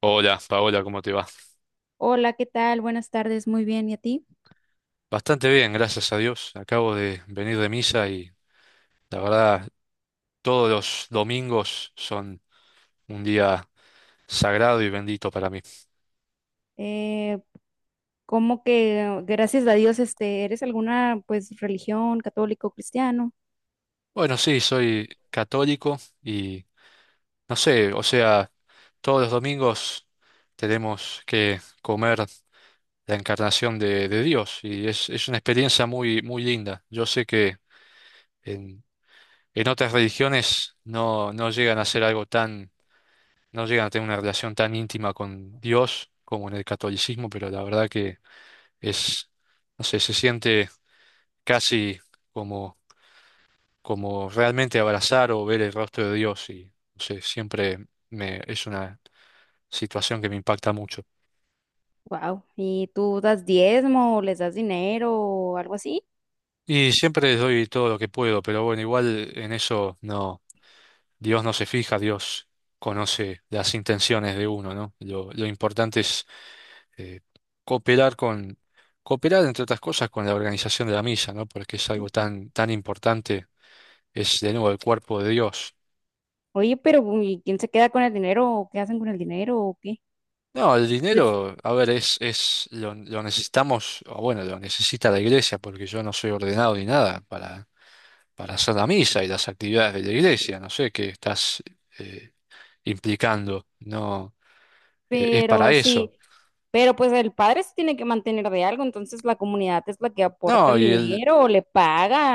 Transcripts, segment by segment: Hola, Paola, ¿cómo te va? Hola, ¿qué tal? Buenas tardes, muy bien, ¿y a ti? Bastante bien, gracias a Dios. Acabo de venir de misa y la verdad, todos los domingos son un día sagrado y bendito para mí. Eh, ¿Cómo que gracias a Dios, eres alguna pues religión católico cristiano? Bueno, sí, soy católico y no sé, o sea, todos los domingos tenemos que comer la encarnación de Dios y es una experiencia muy, muy linda. Yo sé que en, en otras religiones no llegan a ser algo tan no llegan a tener una relación tan íntima con Dios como en el catolicismo, pero la verdad que es, no sé, se siente casi como, como realmente abrazar o ver el rostro de Dios y, no sé, siempre me, es una situación que me impacta mucho. Wow, ¿y tú das diezmo, o les das dinero o algo así? Y siempre les doy todo lo que puedo, pero bueno, igual en eso no, Dios no se fija, Dios conoce las intenciones de uno, ¿no? Lo importante es eh, cooperar con, cooperar entre otras cosas con la organización de la misa, ¿no? Porque es Ya. algo tan, tan importante, es de nuevo el cuerpo de Dios. Oye, pero ¿y quién se queda con el dinero? ¿O qué hacen con el dinero? ¿O qué? No, el Pues. dinero, a ver, lo necesitamos, o bueno, lo necesita la iglesia, porque yo no soy ordenado ni nada para, para hacer la misa y las actividades de la iglesia, no sé qué estás eh, implicando, no, es para Pero sí, eso. pero pues el padre se tiene que mantener de algo, entonces la comunidad es la que aporta No, el y el. dinero o le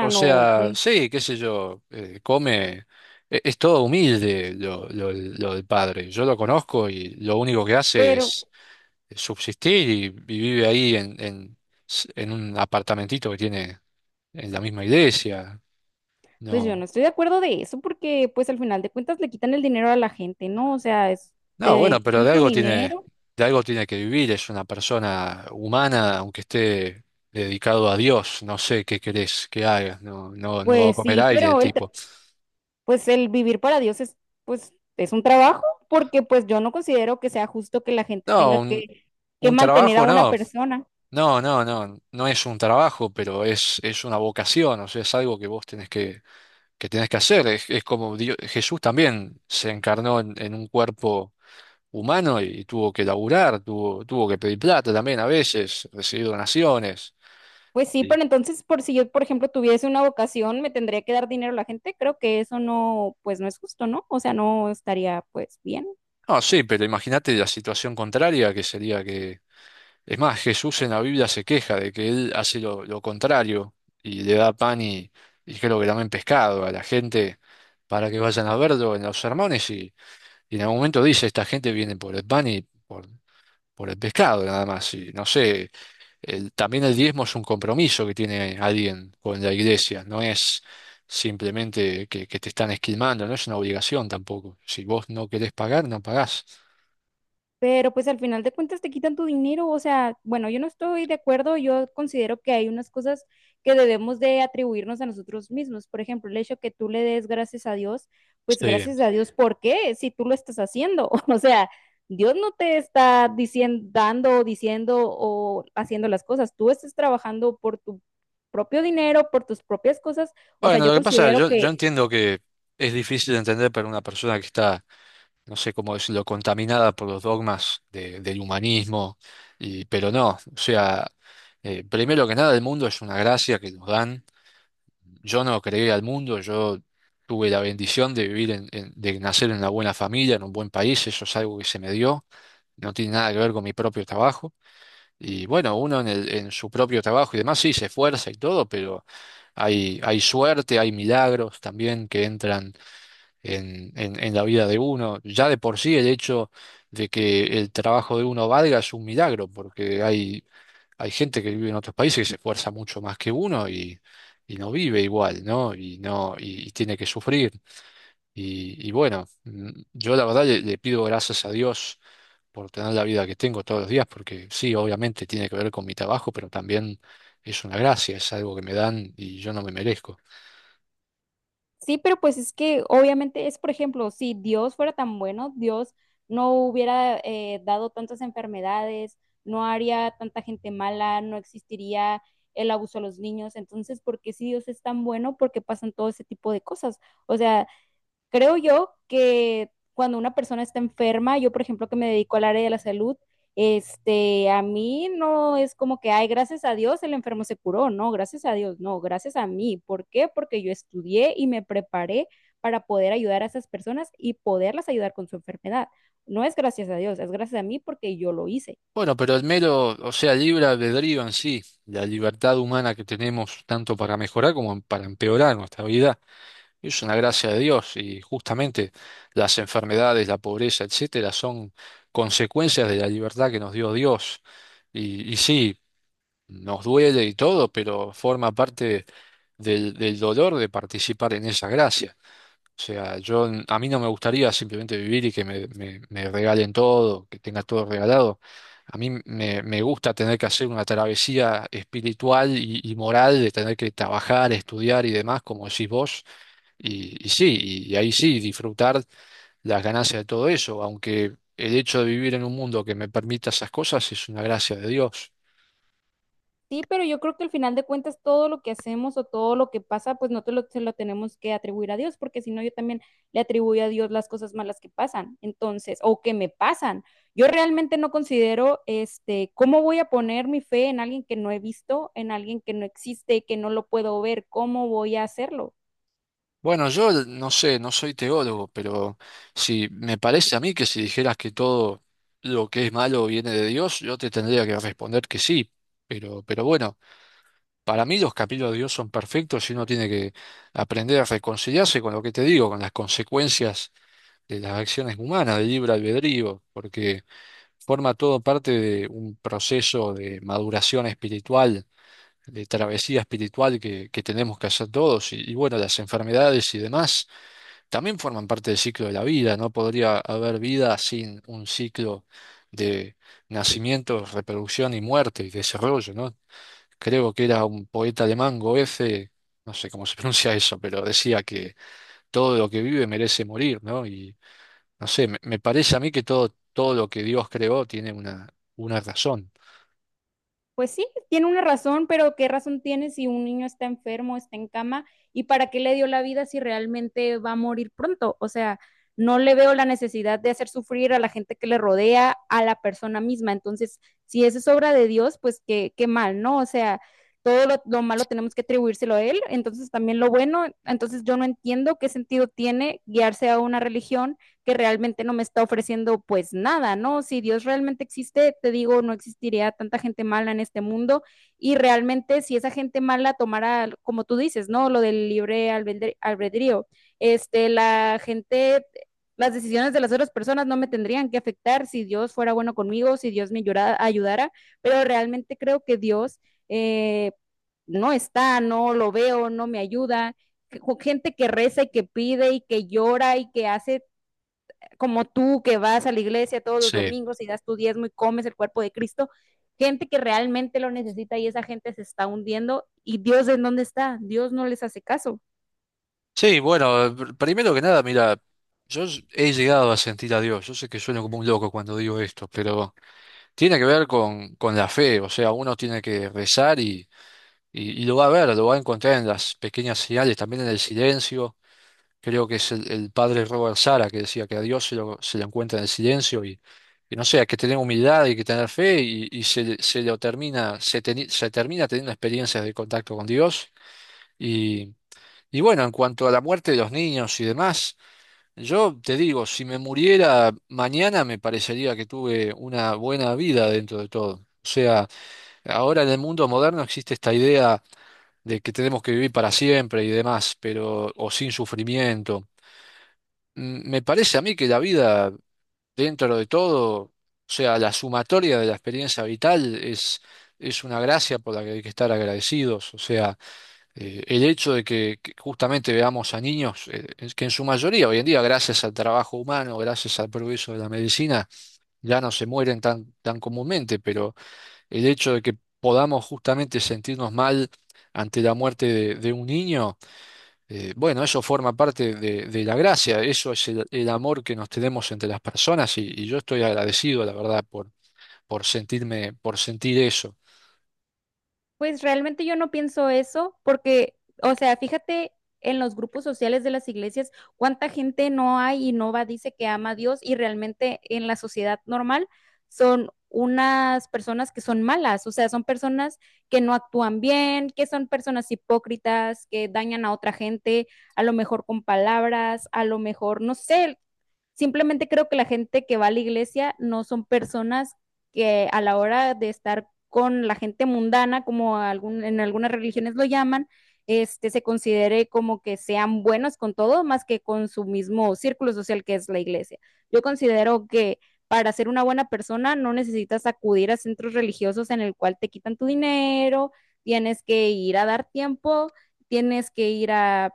O o sea, qué. sí, qué sé yo, come, es, todo humilde lo del padre. Yo lo conozco y lo único que hace Pero es subsistir y vive ahí en un apartamentito que tiene en la misma iglesia. pues yo No, no estoy de acuerdo de eso porque pues al final de cuentas le quitan el dinero a la gente, ¿no? O sea, es, no, bueno, te pero quitan tu dinero, de algo tiene que vivir, es una persona humana, aunque esté dedicado a Dios, no sé qué querés que haga, no, no, no va a pues comer sí, aire el pero tipo. Pues el vivir para Dios es pues es un trabajo porque pues yo no considero que sea justo que la gente No, tenga que un mantener a trabajo una no. persona. No, no, no, no es un trabajo, pero es una vocación, o sea, es algo que vos tenés que tenés que hacer. Es como Dios- Jesús también se encarnó en un cuerpo humano y, tuvo que laburar, tuvo, tuvo que pedir plata también a veces, recibir donaciones. Pues sí, Sí. pero entonces, por si yo, por ejemplo, tuviese una vocación, me tendría que dar dinero a la gente. Creo que eso no, pues no es justo, ¿no? O sea, no estaría, pues, bien. No, sí, pero imagínate la situación contraria que sería que, es más, Jesús en la Biblia se queja de que él hace lo contrario y le da pan y creo que también pescado a la gente para que vayan a verlo en los sermones. Y en algún momento dice, esta gente viene por el pan y por, por el pescado nada más. Y no sé, también el diezmo es un compromiso que tiene alguien con la iglesia, no es simplemente que te están esquilmando, no es una obligación tampoco. Si vos no querés pagar, no pagás. Pero pues al final de cuentas te quitan tu dinero, o sea, bueno, yo no estoy de acuerdo, yo considero que hay unas cosas que debemos de atribuirnos a nosotros mismos. Por ejemplo, el hecho que tú le des gracias a Dios, pues Sí. gracias a Dios, ¿por qué? Si tú lo estás haciendo, o sea, Dios no te está diciendo, dando, diciendo o haciendo las cosas, tú estás trabajando por tu propio dinero, por tus propias cosas, o sea, Bueno, yo lo que pasa, considero yo que entiendo que es difícil de entender para una persona que está, no sé cómo decirlo, contaminada por los dogmas del humanismo, y, pero no, o sea, primero que nada el mundo es una gracia que nos dan. Yo no creé al mundo, yo tuve la bendición de vivir en, de nacer en una buena familia, en un buen país, eso es algo que se me dio, no tiene nada que ver con mi propio trabajo. Y bueno, uno en en su propio trabajo y demás sí se esfuerza y todo, pero hay suerte, hay milagros también que entran en la vida de uno. Ya de por sí el hecho de que el trabajo de uno valga es un milagro, porque hay hay gente que vive en otros países que se esfuerza mucho más que uno y no vive igual, ¿no? Y no, y tiene que sufrir. Y bueno, yo la verdad le, le pido gracias a Dios por tener la vida que tengo todos los días, porque sí, obviamente tiene que ver con mi trabajo, pero también es una gracia, es algo que me dan y yo no me merezco. sí, pero pues es que obviamente es, por ejemplo, si Dios fuera tan bueno, Dios no hubiera dado tantas enfermedades, no haría tanta gente mala, no existiría el abuso a los niños. Entonces, ¿por qué si Dios es tan bueno? ¿Por qué pasan todo ese tipo de cosas? O sea, creo yo que cuando una persona está enferma, yo por ejemplo que me dedico al área de la salud, a mí no es como que, ay, gracias a Dios el enfermo se curó, no, gracias a Dios, no, gracias a mí. ¿Por qué? Porque yo estudié y me preparé para poder ayudar a esas personas y poderlas ayudar con su enfermedad. No es gracias a Dios, es gracias a mí porque yo lo hice. Bueno, pero el mero, o sea, el libre albedrío en sí, la libertad humana que tenemos tanto para mejorar como para empeorar nuestra vida. Es una gracia de Dios y justamente las enfermedades, la pobreza, etcétera, son consecuencias de la libertad que nos dio Dios. Y sí, nos duele y todo, pero forma parte del dolor de participar en esa gracia. O sea, a mí no me gustaría simplemente vivir y que me, me regalen todo, que tenga todo regalado. A mí me, me gusta tener que hacer una travesía espiritual y moral de tener que trabajar, estudiar y demás, como decís vos y sí, y, ahí sí, disfrutar las ganancias de todo eso, aunque el hecho de vivir en un mundo que me permita esas cosas es una gracia de Dios. Sí, pero yo creo que al final de cuentas todo lo que hacemos o todo lo que pasa, pues no te lo, se lo tenemos que atribuir a Dios, porque si no yo también le atribuyo a Dios las cosas malas que pasan, entonces, o que me pasan. Yo realmente no considero, cómo voy a poner mi fe en alguien que no he visto, en alguien que no existe, que no lo puedo ver, ¿cómo voy a hacerlo? Bueno, yo no sé, no soy teólogo, pero si me parece a mí que si dijeras que todo lo que es malo viene de Dios, yo te tendría que responder que sí. Pero bueno, para mí los capítulos de Dios son perfectos y uno tiene que aprender a reconciliarse con lo que te digo, con las consecuencias de las acciones humanas, del libre albedrío, porque forma todo parte de un proceso de maduración espiritual, de travesía espiritual que tenemos que hacer todos. Y bueno, las enfermedades y demás también forman parte del ciclo de la vida. No podría haber vida sin un ciclo de nacimiento, reproducción y muerte y desarrollo, ¿no? Creo que era un poeta alemán, Goethe, no sé cómo se pronuncia eso, pero decía que todo lo que vive merece morir, ¿no? No sé, me parece a mí que todo, todo lo que Dios creó tiene una razón. Pues sí, tiene una razón, pero ¿qué razón tiene si un niño está enfermo, está en cama? ¿Y para qué le dio la vida si realmente va a morir pronto? O sea, no le veo la necesidad de hacer sufrir a la gente que le rodea, a la persona misma. Entonces, si eso es obra de Dios, pues qué, qué mal, ¿no? O sea, todo lo malo tenemos que atribuírselo a Él, entonces también lo bueno. Entonces, yo no entiendo qué sentido tiene guiarse a una religión que realmente no me está ofreciendo pues nada, ¿no? Si Dios realmente existe, te digo, no existiría tanta gente mala en este mundo y realmente si esa gente mala tomara, como tú dices, ¿no? Lo del libre albedrío, la gente las decisiones de las otras personas no me tendrían que afectar si Dios fuera bueno conmigo, si Dios me ayudara pero realmente creo que Dios eh, no está, no lo veo, no me ayuda. Gente que reza y que pide y que llora y que hace como tú que vas a la iglesia todos los Sí. domingos y das tu diezmo y comes el cuerpo de Cristo, gente que realmente lo necesita y esa gente se está hundiendo y Dios en dónde está, Dios no les hace caso. Sí, bueno, primero que nada, mira, he llegado a sentir a Dios. Yo sé que sueno como un loco cuando digo esto, pero tiene que ver con la fe. O sea, uno tiene que rezar y lo va a ver, lo va a encontrar en las pequeñas señales, también en el silencio. Creo que es el padre Robert Sara que decía que a Dios se se lo encuentra en el silencio y no sé, hay que tener humildad, hay que tener fe y se, se lo termina, se, se termina teniendo experiencias de contacto con Dios. Y, y bueno, en cuanto a la muerte de los niños y demás, yo te digo, si me muriera mañana me parecería que tuve una buena vida dentro de todo. O sea, ahora en el mundo moderno existe esta idea de que tenemos que vivir para siempre y demás, pero o sin sufrimiento. Me parece a mí que la vida, dentro de todo, o sea, la sumatoria de la experiencia vital es una gracia por la que hay que estar agradecidos. O sea, el hecho de que justamente veamos a niños, es que en su mayoría hoy en día, gracias al trabajo humano, gracias al progreso de la medicina, ya no se mueren tan, tan comúnmente, pero el hecho de que podamos justamente sentirnos mal ante la muerte de un niño, bueno, eso forma parte de la gracia, eso es el amor que nos tenemos entre las personas y yo estoy agradecido, la verdad, por sentirme, por sentir eso. Pues realmente yo no pienso eso porque, o sea, fíjate en los grupos sociales de las iglesias, cuánta gente no hay y no va, dice que ama a Dios y realmente en la sociedad normal son unas personas que son malas, o sea, son personas que no actúan bien, que son personas hipócritas, que dañan a otra gente, a lo mejor con palabras, a lo mejor, no sé, simplemente creo que la gente que va a la iglesia no son personas que a la hora de estar con la gente mundana, como algún, en algunas religiones lo llaman, se considere como que sean buenos con todo, más que con su mismo círculo social que es la iglesia. Yo considero que para ser una buena persona no necesitas acudir a centros religiosos en el cual te quitan tu dinero, tienes que ir a dar tiempo, tienes que ir a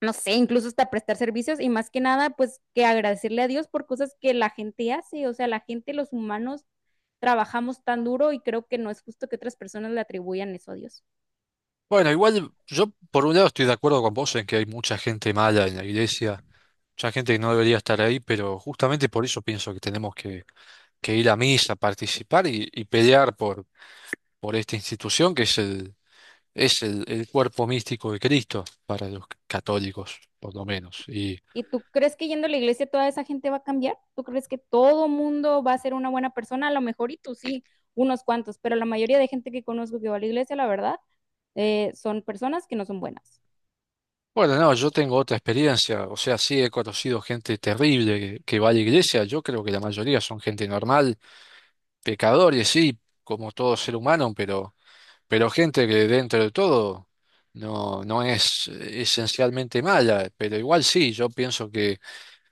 no sé, incluso hasta prestar servicios y más que nada, pues que agradecerle a Dios por cosas que la gente hace, o sea, la gente, los humanos, trabajamos tan duro y creo que no es justo que otras personas le atribuyan eso a Dios. Bueno, igual yo por un lado estoy de acuerdo con vos en que hay mucha gente mala en la iglesia, mucha gente que no debería estar ahí, pero justamente por eso pienso que tenemos que ir a misa, participar y pelear por esta institución que es el cuerpo místico de Cristo para los católicos, por lo menos. Y, ¿Y tú crees que yendo a la iglesia toda esa gente va a cambiar? ¿Tú crees que todo mundo va a ser una buena persona? A lo mejor y tú sí, unos cuantos, pero la mayoría de gente que conozco que va a la iglesia, la verdad, son personas que no son buenas. bueno, no, yo tengo otra experiencia, o sea, sí he conocido gente terrible que va a la iglesia, yo creo que la mayoría son gente normal, pecadores, sí, como todo ser humano, pero gente que dentro de todo no, no es esencialmente mala, pero igual sí, yo pienso que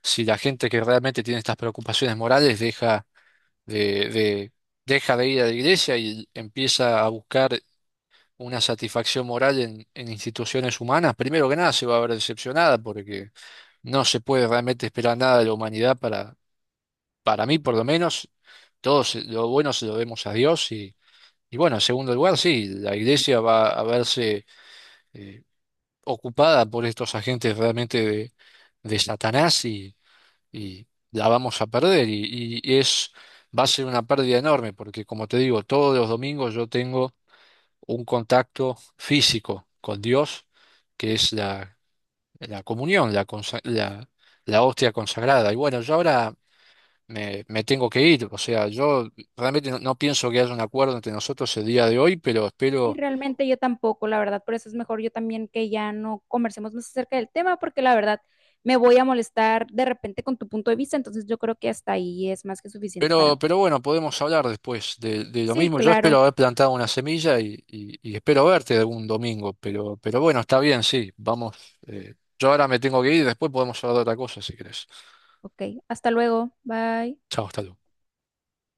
si la gente que realmente tiene estas preocupaciones morales deja de, de, deja de ir a la iglesia y empieza a buscar una satisfacción moral en instituciones humanas, primero que nada se va a ver decepcionada porque no se puede realmente esperar nada de la humanidad para mí por lo menos, todos lo bueno se lo debemos a Dios y bueno, en segundo lugar, sí, la iglesia va a verse eh, ocupada por estos agentes realmente de Satanás y la vamos a perder y es... Va a ser una pérdida enorme porque, como te digo, todos los domingos yo tengo un contacto físico con Dios, que es la, la comunión, la, la, la hostia consagrada. Y bueno, yo ahora me, me tengo que ir, o sea, yo realmente no, no pienso que haya un acuerdo entre nosotros el día de hoy, pero Y espero, realmente yo tampoco, la verdad, por eso es mejor yo también que ya no conversemos más acerca del tema, porque la verdad me voy a molestar de repente con tu punto de vista, entonces yo creo que hasta ahí es más que suficiente para mí. pero bueno, podemos hablar después de lo Sí, mismo. Yo espero claro. haber plantado una semilla y, y espero verte algún domingo, pero bueno, está bien, sí, vamos. eh, yo ahora me tengo que ir, después podemos hablar de otra cosa si querés. Ok, hasta luego. Bye. Chao, hasta luego.